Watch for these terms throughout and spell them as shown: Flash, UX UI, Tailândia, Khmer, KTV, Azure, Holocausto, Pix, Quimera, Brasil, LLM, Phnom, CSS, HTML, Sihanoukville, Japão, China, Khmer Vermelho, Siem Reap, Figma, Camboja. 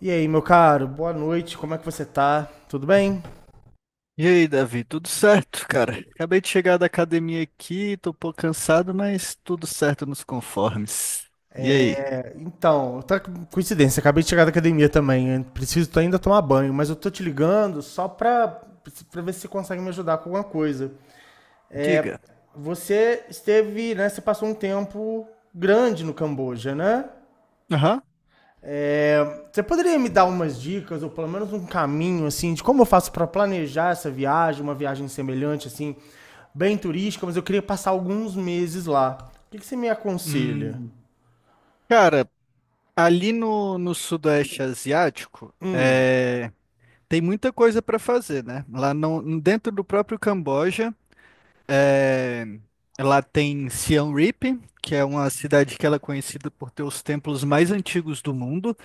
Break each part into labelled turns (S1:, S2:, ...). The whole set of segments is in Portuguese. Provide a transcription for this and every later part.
S1: E aí, meu caro, boa noite, como é que você tá? Tudo bem?
S2: E aí, Davi, tudo certo, cara? Acabei de chegar da academia aqui, tô um pouco cansado, mas tudo certo nos conformes. E aí?
S1: Tá coincidência, acabei de chegar da academia também, eu preciso ainda tomar banho, mas eu tô te ligando só pra ver se você consegue me ajudar com alguma coisa. É,
S2: Diga.
S1: Você esteve, né, você passou um tempo grande no Camboja, né?
S2: Aham.
S1: É, Você poderia me dar umas dicas, ou pelo menos um caminho, assim, de como eu faço para planejar essa viagem, uma viagem semelhante, assim, bem turística, mas eu queria passar alguns meses lá. O que que você me aconselha?
S2: Hum, Cara, ali no Sudeste Asiático,
S1: Hum,
S2: tem muita coisa para fazer, né? Lá no, dentro do próprio Camboja, é, lá tem Siem Reap, que é uma cidade que ela é conhecida por ter os templos mais antigos do mundo.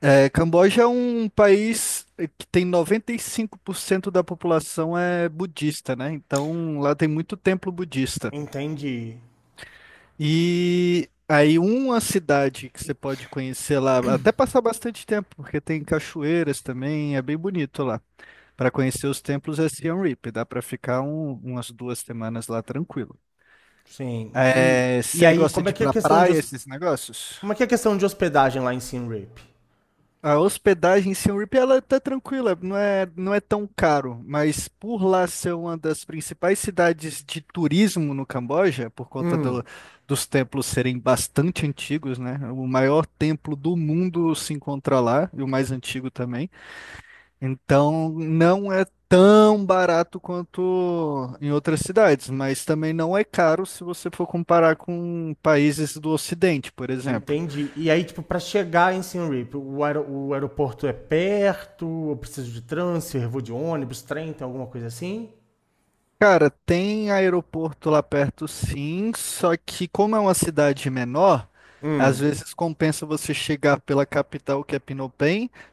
S2: É, Camboja é um país que tem 95% da população é budista, né? Então lá tem muito templo budista.
S1: entendi.
S2: E aí uma cidade que você pode conhecer lá, até passar bastante tempo, porque tem cachoeiras também, é bem bonito lá. Para conhecer os templos é Siem Reap, dá para ficar umas 2 semanas lá tranquilo.
S1: Sim. E,
S2: É,
S1: e
S2: você
S1: aí,
S2: gosta
S1: como é
S2: de ir
S1: que é a
S2: pra
S1: questão de,
S2: praia, esses negócios?
S1: como é que é a questão de hospedagem lá em Siem Reap?
S2: A hospedagem em Siem Reap, ela tá tranquila, não é tão caro, mas por lá ser uma das principais cidades de turismo no Camboja, por conta
S1: Hum,
S2: dos templos serem bastante antigos, né? O maior templo do mundo se encontra lá, e o mais antigo também. Então, não é tão barato quanto em outras cidades, mas também não é caro se você for comparar com países do Ocidente, por exemplo.
S1: entendi. E aí, tipo, para chegar em Siem Reap, o aeroporto é perto? Eu preciso de transfer? Vou de ônibus, trem, tem alguma coisa assim?
S2: Cara, tem aeroporto lá perto sim, só que como é uma cidade menor, às
S1: Hum.
S2: vezes compensa você chegar pela capital, que é Phnom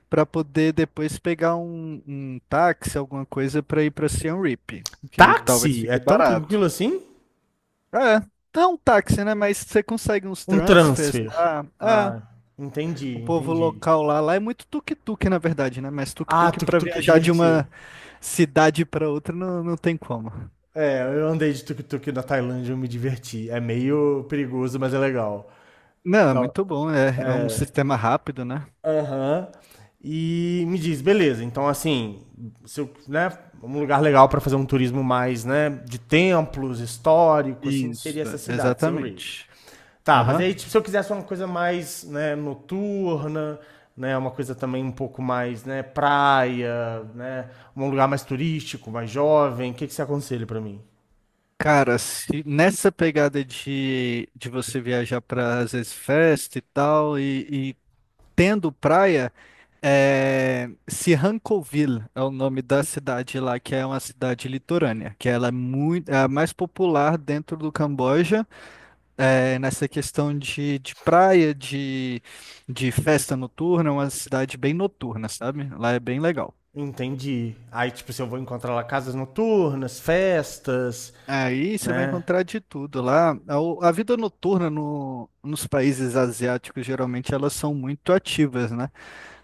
S2: para poder depois pegar um táxi, alguma coisa para ir para Siem Reap, que talvez
S1: Táxi? É
S2: fique
S1: tão tranquilo
S2: barato.
S1: assim?
S2: É, não um táxi, né? Mas você consegue uns
S1: Um
S2: transfers
S1: transfer.
S2: lá. Ah,
S1: Ah, entendi,
S2: o povo
S1: entendi.
S2: local lá é muito tuk-tuk, na verdade, né? Mas
S1: Ah,
S2: tuk-tuk para
S1: tuk-tuk é
S2: viajar de
S1: divertido.
S2: uma cidade para outra não tem como.
S1: É, eu andei de tuk-tuk na Tailândia e eu me diverti. É meio perigoso, mas é legal.
S2: Não, é
S1: Não,
S2: muito bom, é um
S1: é.
S2: sistema rápido, né?
S1: Aham. E me diz, beleza, então assim, se eu, né, um lugar legal para fazer um turismo mais, né, de templos, histórico, assim, seria
S2: Isso,
S1: essa
S2: é,
S1: cidade, Siem Reap.
S2: exatamente.
S1: Tá, mas
S2: Aham.
S1: aí, tipo, se eu quisesse uma coisa mais, né, noturna, né, uma coisa também um pouco mais, né, praia, né, um lugar mais turístico, mais jovem, o que que você aconselha pra mim?
S2: Cara, se nessa pegada de você viajar para às vezes festa e tal, e tendo praia, Sihanoukville é o nome da cidade lá, que é uma cidade litorânea, que ela é muito, é a mais popular dentro do Camboja, é, nessa questão de praia, de festa noturna, é uma cidade bem noturna, sabe? Lá é bem legal.
S1: Entendi. Aí, tipo, se eu vou encontrar lá casas noturnas, festas,
S2: Aí você vai
S1: né?
S2: encontrar de tudo lá. A vida noturna nos países asiáticos, geralmente, elas são muito ativas, né?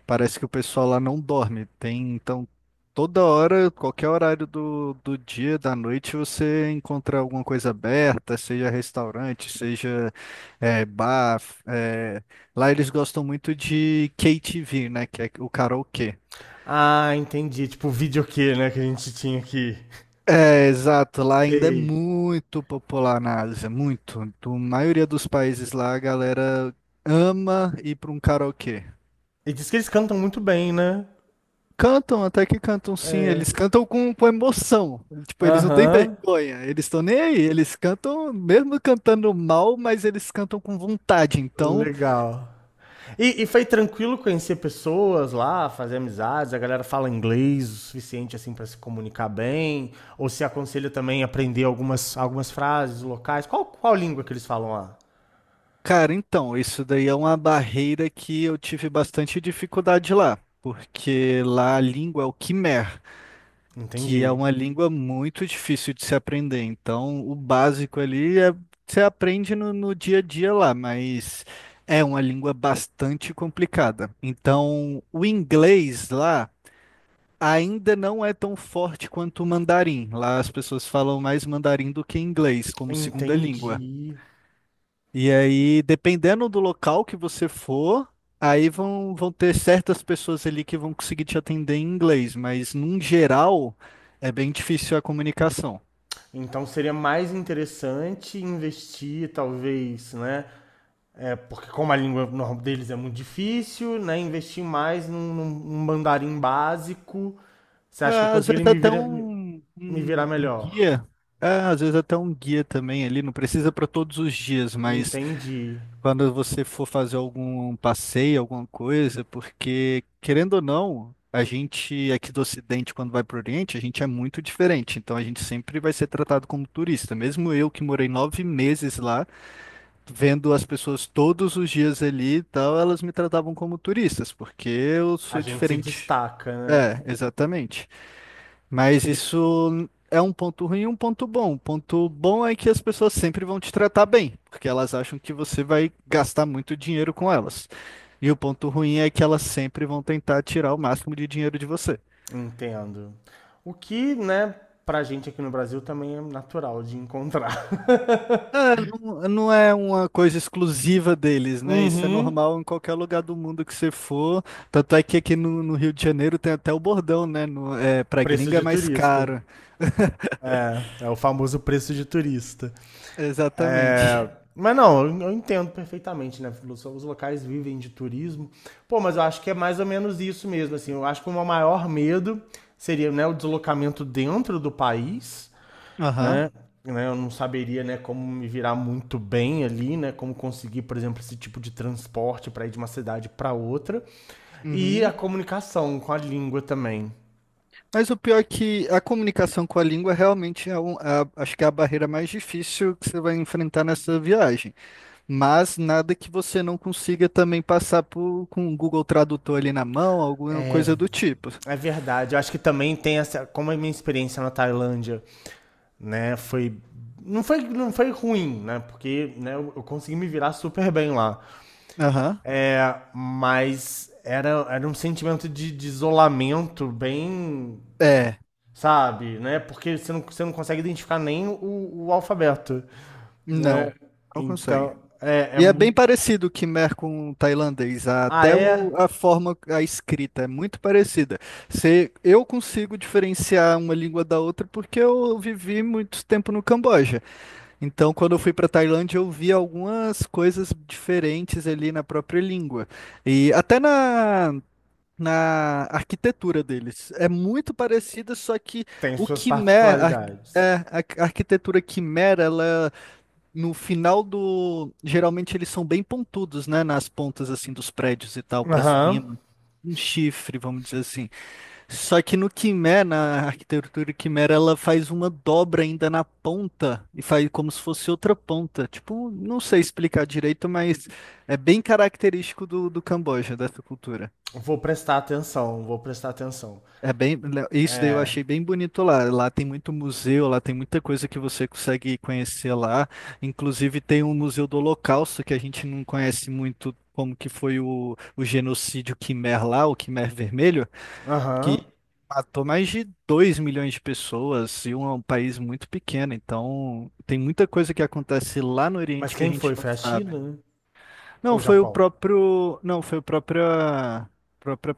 S2: Parece que o pessoal lá não dorme. Tem, então, toda hora, qualquer horário do dia, da noite, você encontra alguma coisa aberta, seja restaurante, seja bar. eh, Lá eles gostam muito de KTV, né? Que é o karaokê.
S1: Ah, entendi. Tipo, o videokê, né, que a gente tinha aqui.
S2: É, exato, lá ainda é
S1: Sei.
S2: muito popular na Ásia, muito. Do maioria dos países lá, a galera ama ir para um karaokê.
S1: E diz que eles cantam muito bem, né?
S2: Cantam, até que cantam sim, eles
S1: É.
S2: cantam com emoção. Tipo, eles não têm
S1: Aham.
S2: vergonha, eles estão nem aí, eles cantam, mesmo cantando mal, mas eles cantam com vontade. Então,
S1: Legal. E foi tranquilo conhecer pessoas lá, fazer amizades? A galera fala inglês o suficiente assim para se comunicar bem? Ou se aconselha também a aprender algumas frases locais? Qual língua que eles falam lá?
S2: cara, então, isso daí é uma barreira que eu tive bastante dificuldade lá, porque lá a língua é o Khmer. Que é
S1: Entendi.
S2: uma língua muito difícil de se aprender. Então, o básico ali é você aprende no dia a dia lá, mas é uma língua bastante complicada. Então, o inglês lá ainda não é tão forte quanto o mandarim. Lá as pessoas falam mais mandarim do que inglês como segunda língua.
S1: Entendi.
S2: E aí, dependendo do local que você for, aí vão ter certas pessoas ali que vão conseguir te atender em inglês, mas num geral é bem difícil a comunicação.
S1: Então seria mais interessante investir, talvez, né? É, porque como a língua normal deles é muito difícil, né? Investir mais num mandarim básico. Você acha que eu
S2: Às
S1: conseguiria
S2: vezes até um,
S1: me virar
S2: um, um
S1: melhor?
S2: guia, ah, às vezes até um guia também ali, não precisa para todos os dias, mas
S1: Entendi.
S2: quando você for fazer algum passeio, alguma coisa, porque, querendo ou não, a gente aqui do Ocidente, quando vai para o Oriente, a gente é muito diferente. Então a gente sempre vai ser tratado como turista. Mesmo eu que morei 9 meses lá, vendo as pessoas todos os dias ali e tal, elas me tratavam como turistas, porque eu
S1: A
S2: sou
S1: gente se
S2: diferente.
S1: destaca, né?
S2: É, exatamente. Mas isso é um ponto ruim e um ponto bom. O ponto bom é que as pessoas sempre vão te tratar bem, porque elas acham que você vai gastar muito dinheiro com elas. E o ponto ruim é que elas sempre vão tentar tirar o máximo de dinheiro de você.
S1: Entendo. O que, né, pra gente aqui no Brasil também é natural de encontrar.
S2: É, não é uma coisa exclusiva deles, né? Isso é
S1: Uhum.
S2: normal em qualquer lugar do mundo que você for. Tanto é que aqui no Rio de Janeiro tem até o bordão, né? No, é, pra
S1: Preço
S2: gringa é
S1: de
S2: mais
S1: turista.
S2: caro.
S1: É, é o famoso preço de turista.
S2: Exatamente.
S1: É, mas não, eu entendo perfeitamente, né? Os locais vivem de turismo. Pô, mas eu acho que é mais ou menos isso mesmo, assim. Eu acho que o meu maior medo seria, né, o deslocamento dentro do país
S2: Aham.
S1: né? né, Eu não saberia, né, como me virar muito bem ali, né, como conseguir, por exemplo, esse tipo de transporte para ir de uma cidade para outra e a
S2: Uhum.
S1: comunicação com a língua também.
S2: Mas o pior é que a comunicação com a língua realmente é acho que é a barreira mais difícil que você vai enfrentar nessa viagem. Mas nada que você não consiga também passar por, com o Google Tradutor ali na mão, alguma
S1: É,
S2: coisa do tipo.
S1: é verdade. Eu acho que também tem essa, como a minha experiência na Tailândia, né, foi não foi ruim, né? Porque né, eu consegui me virar super bem lá.
S2: Aham.
S1: É, mas era um sentimento de isolamento bem
S2: É,
S1: sabe? Né? Porque você não consegue identificar nem o, o alfabeto, né?
S2: não, não consegue.
S1: Então, é, é
S2: E é bem
S1: muito...
S2: parecido o Khmer com o tailandês,
S1: Ah,
S2: até
S1: é?
S2: a forma, a escrita é muito parecida. Se eu consigo diferenciar uma língua da outra porque eu vivi muito tempo no Camboja. Então, quando eu fui para Tailândia, eu vi algumas coisas diferentes ali na própria língua. E até na arquitetura deles. É muito parecida, só que
S1: Tem
S2: o
S1: suas
S2: Khmer,
S1: particularidades.
S2: a arquitetura Khmer, ela no final do. Geralmente eles são bem pontudos, né? Nas pontas assim dos prédios e tal, para
S1: Aham.
S2: cima. Um chifre, vamos dizer assim. Só que no Quimera, na arquitetura Quimera, ela faz uma dobra ainda na ponta e faz como se fosse outra ponta. Tipo, não sei explicar direito, mas é bem característico do Camboja, dessa cultura.
S1: Vou prestar atenção, vou prestar atenção.
S2: É bem, isso daí eu
S1: É,
S2: achei bem bonito lá. Lá tem muito museu, lá tem muita coisa que você consegue conhecer lá. Inclusive tem um museu do Holocausto que a gente não conhece muito como que foi o genocídio Quimer lá, o Quimer Vermelho. Que
S1: aham.
S2: matou mais de 2 milhões de pessoas é um país muito pequeno, então tem muita coisa que acontece lá no
S1: Mas
S2: Oriente que a
S1: quem
S2: gente
S1: foi?
S2: não
S1: Foi a
S2: sabe.
S1: China, né?
S2: Não,
S1: Ou o
S2: foi o
S1: Japão?
S2: próprio, não, foi o próprio própria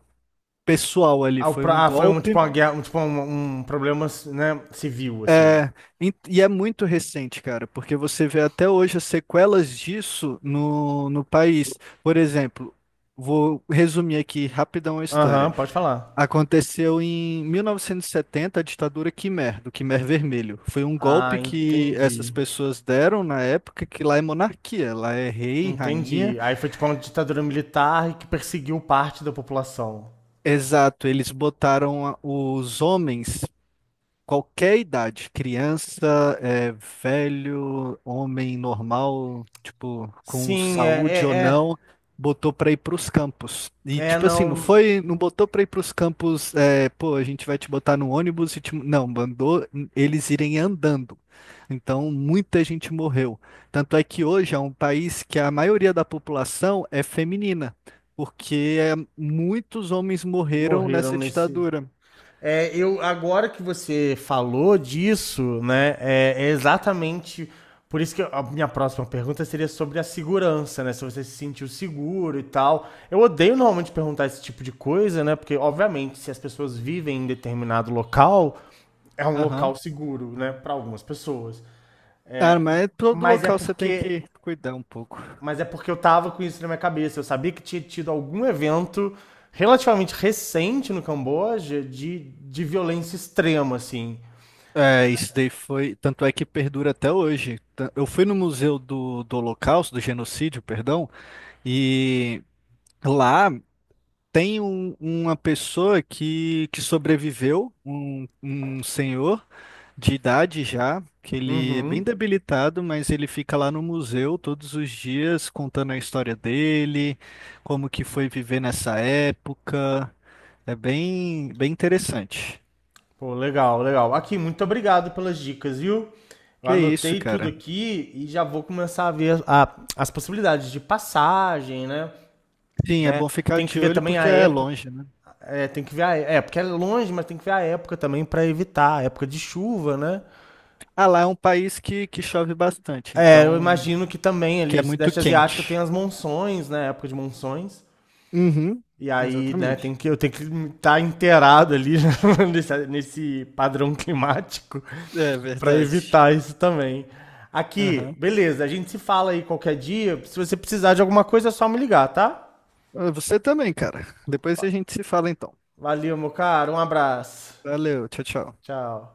S2: pessoal ali, foi um
S1: Foi um tipo
S2: golpe.
S1: uma guerra, um, tipo um, um problema, né, civil, assim.
S2: É, e é muito recente, cara, porque você vê até hoje as sequelas disso no país. Por exemplo, vou resumir aqui rapidão a
S1: Aham,
S2: história.
S1: pode falar.
S2: Aconteceu em 1970 a ditadura Khmer, do Khmer Vermelho. Foi um
S1: Ah,
S2: golpe que essas
S1: entendi.
S2: pessoas deram na época, que lá é monarquia, lá é rei, rainha.
S1: Entendi. Aí foi tipo uma ditadura militar que perseguiu parte da população.
S2: Exato, eles botaram os homens qualquer idade, criança, é, velho, homem normal, tipo, com
S1: Sim, é,
S2: saúde ou
S1: é,
S2: não, botou pra ir pros campos. E,
S1: é, é,
S2: tipo assim, não
S1: não
S2: foi, não botou pra ir pros campos, é, pô, a gente vai te botar no ônibus e te... Não, mandou eles irem andando. Então, muita gente morreu. Tanto é que hoje é um país que a maioria da população é feminina, porque é, muitos homens morreram
S1: morreram
S2: nessa
S1: nesse.
S2: ditadura.
S1: É, eu agora que você falou disso, né? É, é exatamente por isso que a minha próxima pergunta seria sobre a segurança, né? Se você se sentiu seguro e tal. Eu odeio normalmente perguntar esse tipo de coisa, né? Porque obviamente se as pessoas vivem em determinado local, é um
S2: Aham.
S1: local seguro, né? Para algumas pessoas.
S2: Ah, mas todo
S1: Mas é
S2: local você tem que
S1: porque
S2: cuidar um pouco.
S1: Mas é porque eu tava com isso na minha cabeça. Eu sabia que tinha tido algum evento relativamente recente no Camboja de violência extrema, assim.
S2: É, isso daí foi. Tanto é que perdura até hoje. Eu fui no Museu do Holocausto, do Genocídio, perdão, e lá tem uma pessoa que sobreviveu, um senhor de idade já, que ele é bem
S1: Uhum.
S2: debilitado, mas ele fica lá no museu todos os dias contando a história dele, como que foi viver nessa época. É bem, bem interessante.
S1: Pô, legal, legal. Aqui, muito obrigado pelas dicas, viu? Eu
S2: Que isso,
S1: anotei tudo
S2: cara.
S1: aqui e já vou começar a ver as possibilidades de passagem, né?
S2: Sim, é
S1: né?
S2: bom ficar
S1: Tem que
S2: de
S1: ver
S2: olho
S1: também
S2: porque
S1: a
S2: é
S1: época.
S2: longe, né?
S1: É, tem que ver a, é, porque é longe, mas tem que ver a época também para evitar, a época de chuva, né?
S2: Ah, lá é um país que chove bastante,
S1: É, eu
S2: então,
S1: imagino que também
S2: que
S1: ali
S2: é
S1: o
S2: muito
S1: Sudeste Asiático tem
S2: quente.
S1: as monções, né? Época de monções.
S2: Uhum,
S1: E aí, né, tem
S2: exatamente.
S1: que, eu tenho que estar tá inteirado ali nesse padrão climático
S2: É
S1: para
S2: verdade.
S1: evitar isso também. Aqui,
S2: Aham.
S1: beleza, a gente se fala aí qualquer dia. Se você precisar de alguma coisa, é só me ligar, tá?
S2: Ah, você também, cara. Depois a gente se fala então.
S1: Valeu, meu caro. Um abraço.
S2: Valeu, tchau, tchau.
S1: Tchau.